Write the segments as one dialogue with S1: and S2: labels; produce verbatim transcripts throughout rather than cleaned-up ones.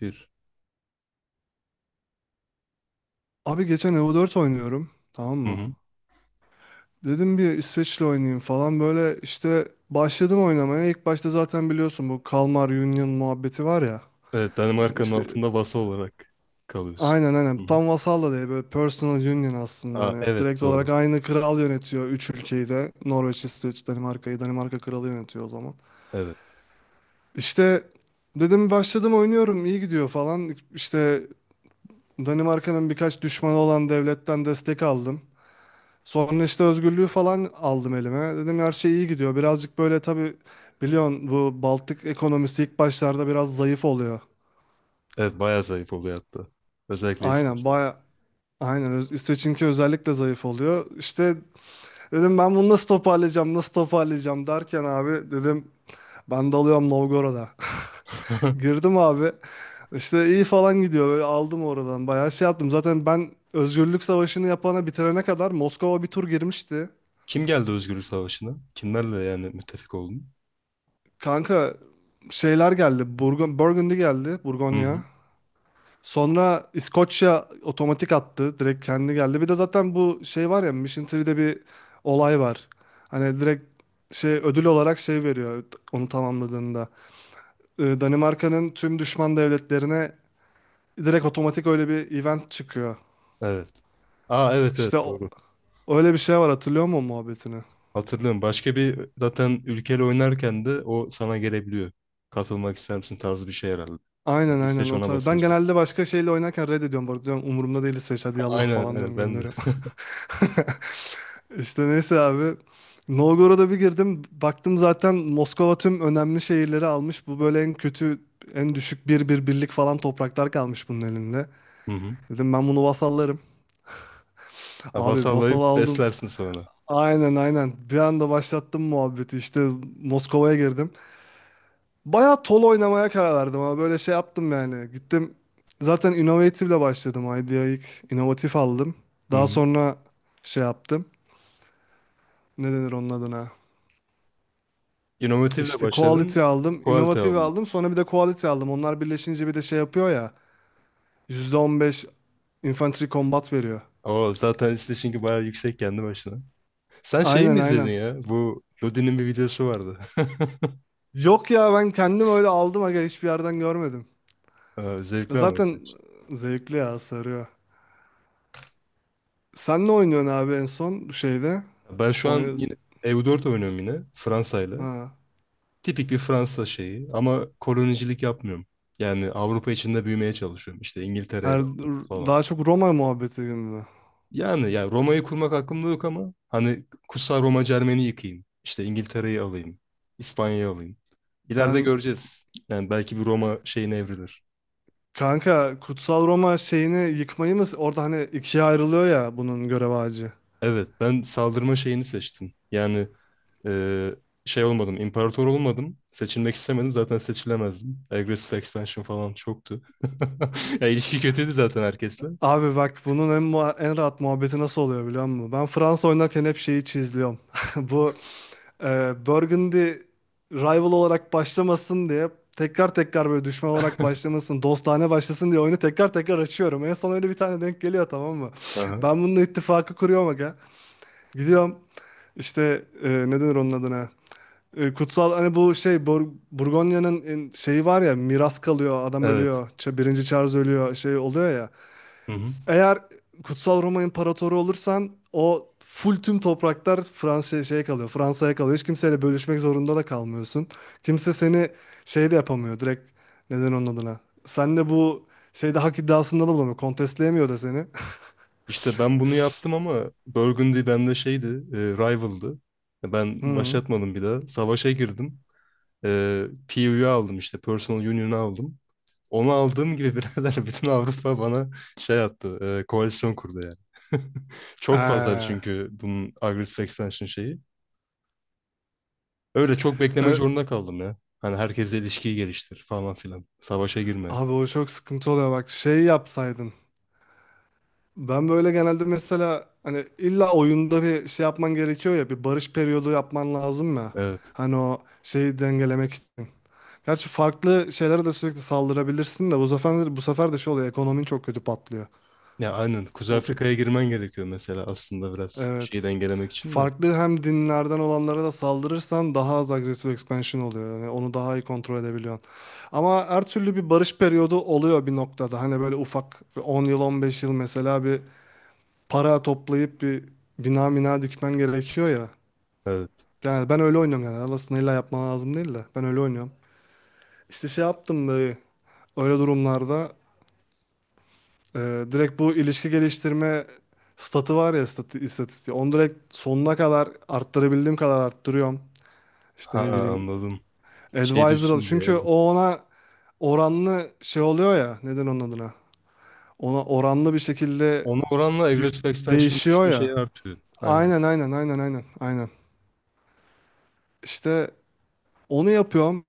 S1: Bir.
S2: Abi geçen E V O dört oynuyorum. Tamam
S1: Hı
S2: mı?
S1: hı.
S2: Dedim bir İsveç'le oynayayım falan böyle işte başladım oynamaya. İlk başta zaten biliyorsun bu Kalmar Union muhabbeti var ya.
S1: Evet,
S2: Hani
S1: Danimarka'nın
S2: işte
S1: altında vasa olarak kalıyorsun.
S2: aynen aynen
S1: Hı hı.
S2: tam vasal da değil böyle personal union aslında
S1: Aa,
S2: hani
S1: evet
S2: direkt olarak
S1: doğru.
S2: aynı kral yönetiyor üç ülkeyi de. Norveç, İsveç, Danimarka'yı Danimarka kralı yönetiyor o zaman.
S1: Evet.
S2: İşte dedim başladım oynuyorum iyi gidiyor falan. İşte Danimarka'nın birkaç düşmanı olan devletten destek aldım. Sonra işte özgürlüğü falan aldım elime. Dedim her şey iyi gidiyor. Birazcık böyle tabii biliyorsun bu Baltık ekonomisi ilk başlarda biraz zayıf oluyor.
S1: Evet bayağı zayıf oluyor hatta. Özellikle
S2: Aynen
S1: İsveç'te.
S2: baya aynen Öz- İsveç'inki özellikle zayıf oluyor. İşte dedim ben bunu nasıl toparlayacağım nasıl toparlayacağım derken abi dedim ben dalıyorum Novgorod'a. Girdim abi. İşte iyi falan gidiyor. Böyle aldım oradan. Bayağı şey yaptım. Zaten ben Özgürlük Savaşı'nı yapana bitirene kadar Moskova bir tur girmişti.
S1: Kim geldi Özgürlük Savaşı'na? Kimlerle yani müttefik oldun?
S2: Kanka şeyler geldi. Burgun, Burgundy geldi.
S1: Hı hı.
S2: Burgonya. Sonra İskoçya otomatik attı. Direkt kendi geldi. Bir de zaten bu şey var ya Mission Tree'de bir olay var. Hani direkt şey ödül olarak şey veriyor onu tamamladığında. Ee, Danimarka'nın tüm düşman devletlerine direkt otomatik öyle bir event çıkıyor.
S1: Evet. Aa evet
S2: İşte
S1: evet
S2: o-
S1: doğru.
S2: öyle bir şey var, hatırlıyor musun muhabbetini?
S1: Hatırlıyorum. Başka bir zaten ülkeyle oynarken de o sana gelebiliyor. Katılmak ister misin tarzı bir şey herhalde. Yani
S2: Aynen aynen
S1: İsveç
S2: o
S1: ona
S2: tarz. Ben
S1: basınca.
S2: genelde başka şeyle oynarken reddediyorum bu arada diyorum umurumda değil İsveç hadi yallah
S1: Aynen
S2: falan
S1: evet
S2: diyorum
S1: ben de.
S2: gönderiyorum. İşte neyse abi. Novgorod'a bir girdim. Baktım zaten Moskova tüm önemli şehirleri almış. Bu böyle en kötü, en düşük bir bir birlik falan topraklar kalmış bunun elinde.
S1: Hı hı.
S2: Dedim ben bunu vasallarım.
S1: Ha,
S2: Abi vasal
S1: vasallayıp
S2: aldım.
S1: beslersin sonra.
S2: Aynen aynen. Bir anda başlattım muhabbeti. İşte Moskova'ya girdim. Bayağı tol oynamaya karar verdim ama böyle şey yaptım yani. Gittim zaten Innovative ile başladım. IDEA ilk inovatif aldım.
S1: Hı
S2: Daha
S1: hı.
S2: sonra şey yaptım. Ne denir onun adına?
S1: İnovatifle
S2: İşte
S1: başladın,
S2: quality aldım,
S1: quality
S2: innovative
S1: aldın.
S2: aldım, sonra bir de quality aldım. Onlar birleşince bir de şey yapıyor ya, yüzde on beş infantry combat veriyor.
S1: O zaten işte çünkü bayağı yüksek kendi başına. Sen şeyi
S2: Aynen
S1: mi izledin
S2: aynen.
S1: ya? Bu Lodi'nin bir videosu vardı.
S2: Yok ya ben kendim öyle aldım aga hiçbir yerden görmedim.
S1: Ee, Zevkli ama
S2: Zaten
S1: izleyici.
S2: zevkli ya sarıyor. Sen ne oynuyorsun abi en son şeyde?
S1: Ben şu an
S2: Oyun
S1: yine E U dört oynuyorum yine Fransa'yla.
S2: ha.
S1: Tipik bir Fransa şeyi ama kolonicilik yapmıyorum. Yani Avrupa içinde büyümeye çalışıyorum. İşte İngiltere'ye
S2: Her,
S1: de alıyorum falan.
S2: daha çok Roma muhabbeti gibi mi?
S1: Yani, yani Roma'yı kurmak aklımda yok ama hani Kutsal Roma Cermeni yıkayım. İşte İngiltere'yi alayım. İspanya'yı alayım. İleride
S2: Ben
S1: göreceğiz. Yani belki bir Roma şeyine evrilir.
S2: kanka Kutsal Roma şeyini yıkmayı mı orada hani ikiye ayrılıyor ya bunun görev ağacı.
S1: Evet, ben saldırma şeyini seçtim. Yani eee, şey olmadım, imparator olmadım. Seçilmek istemedim. Zaten seçilemezdim. Aggressive expansion falan çoktu. Ya ilişki kötüydü zaten herkesle.
S2: Abi bak bunun en, muha- en rahat muhabbeti nasıl oluyor biliyor musun? Ben Fransa oynarken hep şeyi çizliyorum. Bu e, Burgundy rival olarak başlamasın diye tekrar tekrar böyle düşman olarak başlamasın, dostane başlasın diye oyunu tekrar tekrar açıyorum. En son öyle bir tane denk geliyor tamam mı?
S1: Aha.
S2: Ben bununla ittifakı kuruyorum aga. Gidiyorum işte e, ne denir onun adına? E, kutsal hani bu şey Bur Burgonya'nın en- şeyi var ya, miras kalıyor, adam
S1: Evet.
S2: ölüyor. Ç- Birinci Charles ölüyor şey oluyor ya.
S1: Hı hı.
S2: Eğer Kutsal Roma İmparatoru olursan o full tüm topraklar Fransa'ya şeye kalıyor. Fransa'ya kalıyor. Hiç kimseyle bölüşmek zorunda da kalmıyorsun. Kimse seni şey de yapamıyor direkt neden onun adına. Sen de bu şeyde hak iddiasında da bulamıyor. Kontestleyemiyor da seni.
S1: İşte ben bunu yaptım ama Burgundy bende şeydi, e, rival'dı. Ben
S2: Hı.
S1: başlatmadım bir daha. Savaşa girdim. E, P U'yu aldım işte, Personal Union'u aldım. Onu aldığım gibi birader bütün Avrupa bana şey attı. e, koalisyon kurdu yani. Çok fazla
S2: Ee,
S1: çünkü bunun agresif expansion şeyi. Öyle çok beklemek
S2: e,
S1: zorunda kaldım ya. Hani herkesle ilişkiyi geliştir falan filan. Savaşa girme.
S2: Abi o çok sıkıntı oluyor bak şey yapsaydın. Ben böyle genelde mesela hani illa oyunda bir şey yapman gerekiyor ya bir barış periyodu yapman lazım ya.
S1: Evet.
S2: Hani o şeyi dengelemek için. Gerçi farklı şeylere de sürekli saldırabilirsin de bu sefer, bu sefer de şey oluyor ekonomin çok kötü patlıyor.
S1: Ya aynen. Kuzey
S2: O,
S1: Afrika'ya girmen gerekiyor mesela aslında biraz şeyi
S2: evet.
S1: dengelemek için de.
S2: Farklı hem dinlerden olanlara da saldırırsan daha az agresif expansion oluyor. Yani onu daha iyi kontrol edebiliyorsun. Ama her türlü bir barış periyodu oluyor bir noktada. Hani böyle ufak bir on yıl on beş yıl mesela bir para toplayıp bir bina mina dikmen gerekiyor ya.
S1: Evet.
S2: Yani ben öyle oynuyorum yani. Aslında illa yapman lazım değil de ben öyle oynuyorum. İşte şey yaptım böyle öyle durumlarda. Ee, direkt bu ilişki geliştirme statı var ya, statı, istatistiği. Onu direkt sonuna kadar arttırabildiğim kadar arttırıyorum. İşte
S1: Ha,
S2: ne bileyim
S1: anladım. Şey
S2: advisor al.
S1: düşsün diye,
S2: Çünkü o
S1: evet.
S2: ona oranlı şey oluyor ya, neden onun adına? Ona oranlı bir şekilde
S1: Ona oranla
S2: yük
S1: agresif expansion
S2: değişiyor
S1: düşme
S2: ya.
S1: şeyi artıyor. Aynen.
S2: Aynen aynen aynen aynen aynen. İşte onu yapıyorum.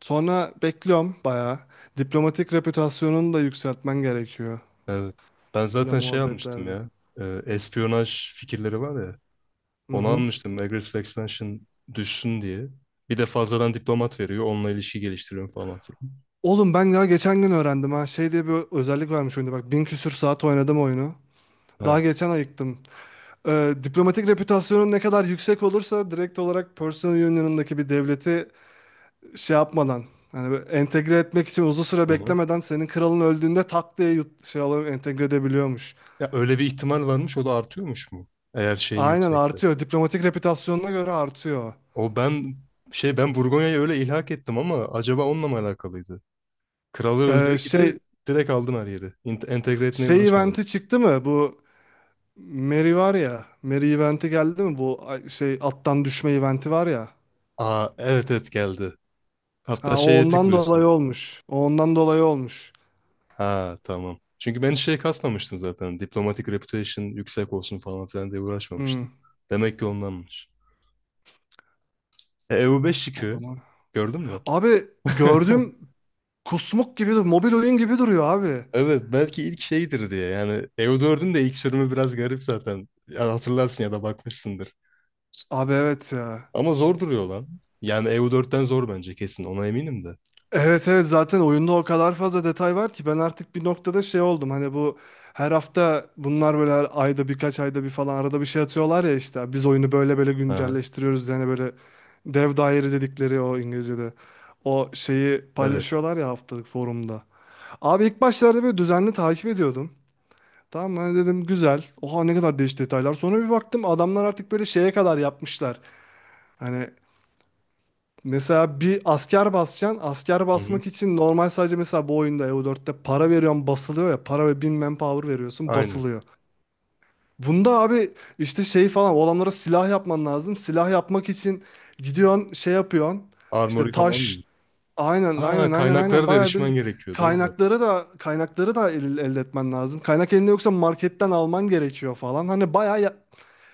S2: Sonra bekliyorum bayağı. Diplomatik reputasyonunu da yükseltmen gerekiyor.
S1: Evet. Ben
S2: Böyle
S1: zaten şey almıştım
S2: muhabbetlerde.
S1: ya. E, espiyonaj fikirleri var ya.
S2: Hı
S1: Onu
S2: hı.
S1: almıştım, Aggressive Expansion düşsün diye. Bir de fazladan diplomat veriyor. Onunla ilişki geliştiriyorum falan filan.
S2: Oğlum ben daha geçen gün öğrendim ha. Şey diye bir özellik varmış oyunda bak. Bin küsür saat oynadım oyunu.
S1: Ha.
S2: Daha geçen ayıktım. Ee, diplomatik reputasyonun ne kadar yüksek olursa direkt olarak personal union'ındaki bir devleti şey yapmadan hani böyle entegre etmek için uzun süre
S1: Hı-hı.
S2: beklemeden senin kralın öldüğünde tak diye yut- şey alıp entegre edebiliyormuş.
S1: Ya öyle bir ihtimal varmış. O da artıyormuş mu? Eğer şeyin
S2: Aynen
S1: yüksekse.
S2: artıyor. Diplomatik reputasyonuna göre artıyor.
S1: O ben şey ben Burgonya'yı öyle ilhak ettim ama acaba onunla mı alakalıydı? Kralı öldüğü
S2: Ee,
S1: gibi
S2: şey
S1: direkt aldım her yeri. İnt- entegre etmeye
S2: şey
S1: uğraşmadım.
S2: eventi çıktı mı? Bu Mary var ya. Mary eventi geldi mi? Bu ay- şey attan düşme eventi var ya.
S1: Aa, evet evet geldi. Hatta
S2: Ha, o
S1: şeye
S2: ondan
S1: tıklıyorsun.
S2: dolayı olmuş. O ondan dolayı olmuş.
S1: Ha, tamam. Çünkü ben hiç şey kasmamıştım zaten. Diplomatic reputation yüksek olsun falan filan diye
S2: Hmm,
S1: uğraşmamıştım. Demek ki ondanmış. E, EU5
S2: o
S1: çıkıyor.
S2: zaman.
S1: Gördün mü?
S2: Abi gördüm kusmuk gibi dur. Mobil oyun gibi duruyor abi.
S1: Evet, belki ilk şeydir diye. Yani E U dördün de ilk sürümü biraz garip zaten. Ya hatırlarsın ya da bakmışsındır.
S2: Abi evet ya.
S1: Ama zor duruyor lan. Yani E U dörtten zor bence, kesin. Ona eminim de.
S2: Evet evet zaten oyunda o kadar fazla detay var ki ben artık bir noktada şey oldum. Hani bu her hafta bunlar böyle her ayda birkaç ayda bir falan arada bir şey atıyorlar ya işte. Biz oyunu böyle böyle
S1: Aha,
S2: güncelleştiriyoruz. Yani böyle dev daire dedikleri o İngilizce'de. O şeyi
S1: evet.
S2: paylaşıyorlar ya haftalık forumda. Abi ilk başlarda böyle düzenli takip ediyordum. Tamam ben dedim güzel. Oha ne kadar değişik detaylar. Sonra bir baktım adamlar artık böyle şeye kadar yapmışlar. Hani mesela bir asker basacaksın. Asker
S1: Hı hı.
S2: basmak için normal sadece mesela bu oyunda E U dörtte para veriyorsun basılıyor ya. Para ve bin manpower veriyorsun
S1: Aynen.
S2: basılıyor. Bunda abi işte şey falan o adamlara silah yapman lazım. Silah yapmak için gidiyorsun şey yapıyorsun. İşte
S1: Armory falan mı?
S2: taş aynen
S1: Aa,
S2: aynen aynen aynen
S1: kaynaklara da
S2: bayağı bir
S1: erişmen gerekiyor. Doğru.
S2: kaynakları da kaynakları da el- elde etmen lazım. Kaynak elinde yoksa marketten alman gerekiyor falan. Hani bayağı ya-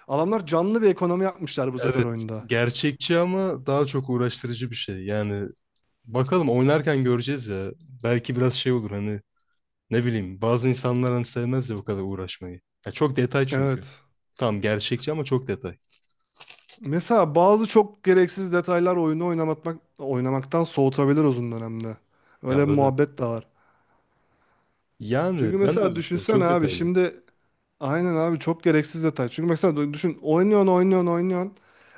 S2: adamlar canlı bir ekonomi yapmışlar bu sefer
S1: Evet.
S2: oyunda.
S1: Gerçekçi ama daha çok uğraştırıcı bir şey. Yani bakalım, oynarken göreceğiz ya. Belki biraz şey olur hani. Ne bileyim, bazı insanlar hani sevmez ya bu kadar uğraşmayı. Ya çok detay çünkü.
S2: Evet.
S1: Tamam, gerçekçi ama çok detay.
S2: Mesela bazı çok gereksiz detaylar oyunu oynamak, oynamaktan soğutabilir uzun dönemde. Öyle
S1: Ya
S2: bir
S1: öyle.
S2: muhabbet de var.
S1: Yani
S2: Çünkü
S1: ben de öyle
S2: mesela
S1: düşünüyorum.
S2: düşünsene
S1: Çok
S2: abi
S1: detaylı.
S2: şimdi aynen abi çok gereksiz detay. Çünkü mesela düşün oynuyorsun oynuyorsun oynuyorsun.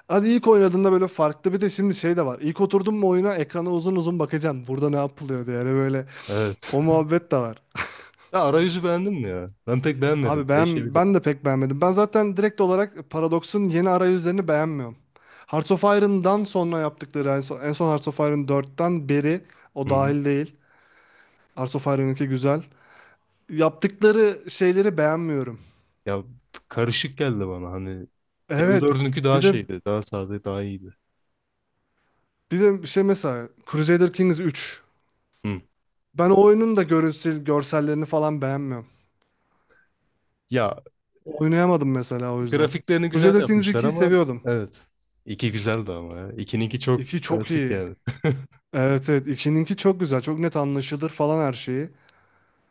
S2: Hadi ilk oynadığında böyle farklı bir de şimdi şey de var. İlk oturdun mu oyuna ekrana uzun uzun bakacaksın. Burada ne yapılıyor diye yani böyle
S1: Evet.
S2: o muhabbet de var.
S1: Sen arayüzü beğendin mi ya? Ben pek beğenmedim.
S2: Abi ben ben
S1: Değişebilir.
S2: de pek beğenmedim. Ben zaten direkt olarak Paradox'un yeni arayüzlerini beğenmiyorum. Hearts of Iron'dan sonra yaptıkları en son, en son Hearts of Iron dörtten beri o
S1: Hı hı.
S2: dahil değil. Hearts of Iron güzel. Yaptıkları şeyleri beğenmiyorum.
S1: Ya, karışık geldi bana hani.
S2: Evet.
S1: E U dördünkü daha
S2: Bir de
S1: şeydi. Daha sade, daha iyiydi.
S2: Bir de bir şey mesela Crusader Kings üç.
S1: Hı.
S2: Ben o oyunun da görünsel, görsellerini falan beğenmiyorum.
S1: Ya
S2: Oynayamadım mesela o yüzden.
S1: grafiklerini güzel
S2: Crusader Kings
S1: yapmışlar
S2: ikiyi
S1: ama,
S2: seviyordum.
S1: evet. İki güzeldi ama ya. İkininki çok
S2: iki çok
S1: klasik
S2: iyi.
S1: yani.
S2: Evet evet ikininki çok güzel. Çok net anlaşılır falan her şeyi.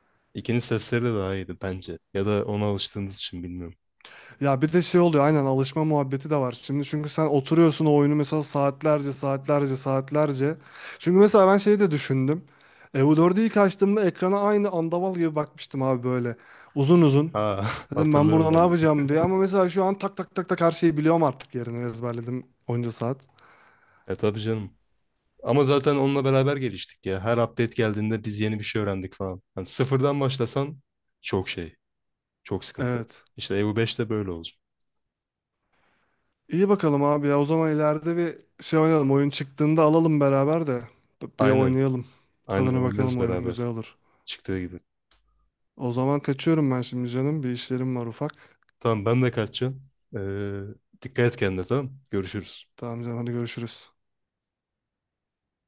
S1: İkinin sesleri de daha iyiydi bence. Ya da ona alıştığınız için bilmiyorum.
S2: Ya bir de şey oluyor aynen alışma muhabbeti de var. Şimdi çünkü sen oturuyorsun o oyunu mesela saatlerce saatlerce saatlerce. Çünkü mesela ben şeyi de düşündüm. E U dördü ilk açtığımda ekrana aynı andaval gibi bakmıştım abi böyle. Uzun uzun.
S1: Ha,
S2: Dedim ben
S1: hatırlıyorum
S2: burada ne
S1: ben de.
S2: yapacağım diye ama mesela şu an tak tak tak tak her şeyi biliyorum artık yerini ezberledim onca saat.
S1: E tabii canım. Ama zaten onunla beraber geliştik ya. Her update geldiğinde biz yeni bir şey öğrendik falan. Hani sıfırdan başlasan çok şey, çok sıkıntı.
S2: Evet.
S1: İşte E U beş de böyle olacak.
S2: İyi bakalım abi ya o zaman ileride bir şey oynayalım. Oyun çıktığında alalım beraber de bir
S1: Aynen,
S2: oynayalım. Bir
S1: aynen
S2: tadına bakalım
S1: oynarız
S2: oyunun güzel
S1: beraber.
S2: olur.
S1: Çıktığı gibi.
S2: O zaman kaçıyorum ben şimdi canım. Bir işlerim var ufak.
S1: Tamam, ben de kaçacağım. Ee, dikkat et kendine, tamam. Görüşürüz.
S2: Tamam canım hadi görüşürüz.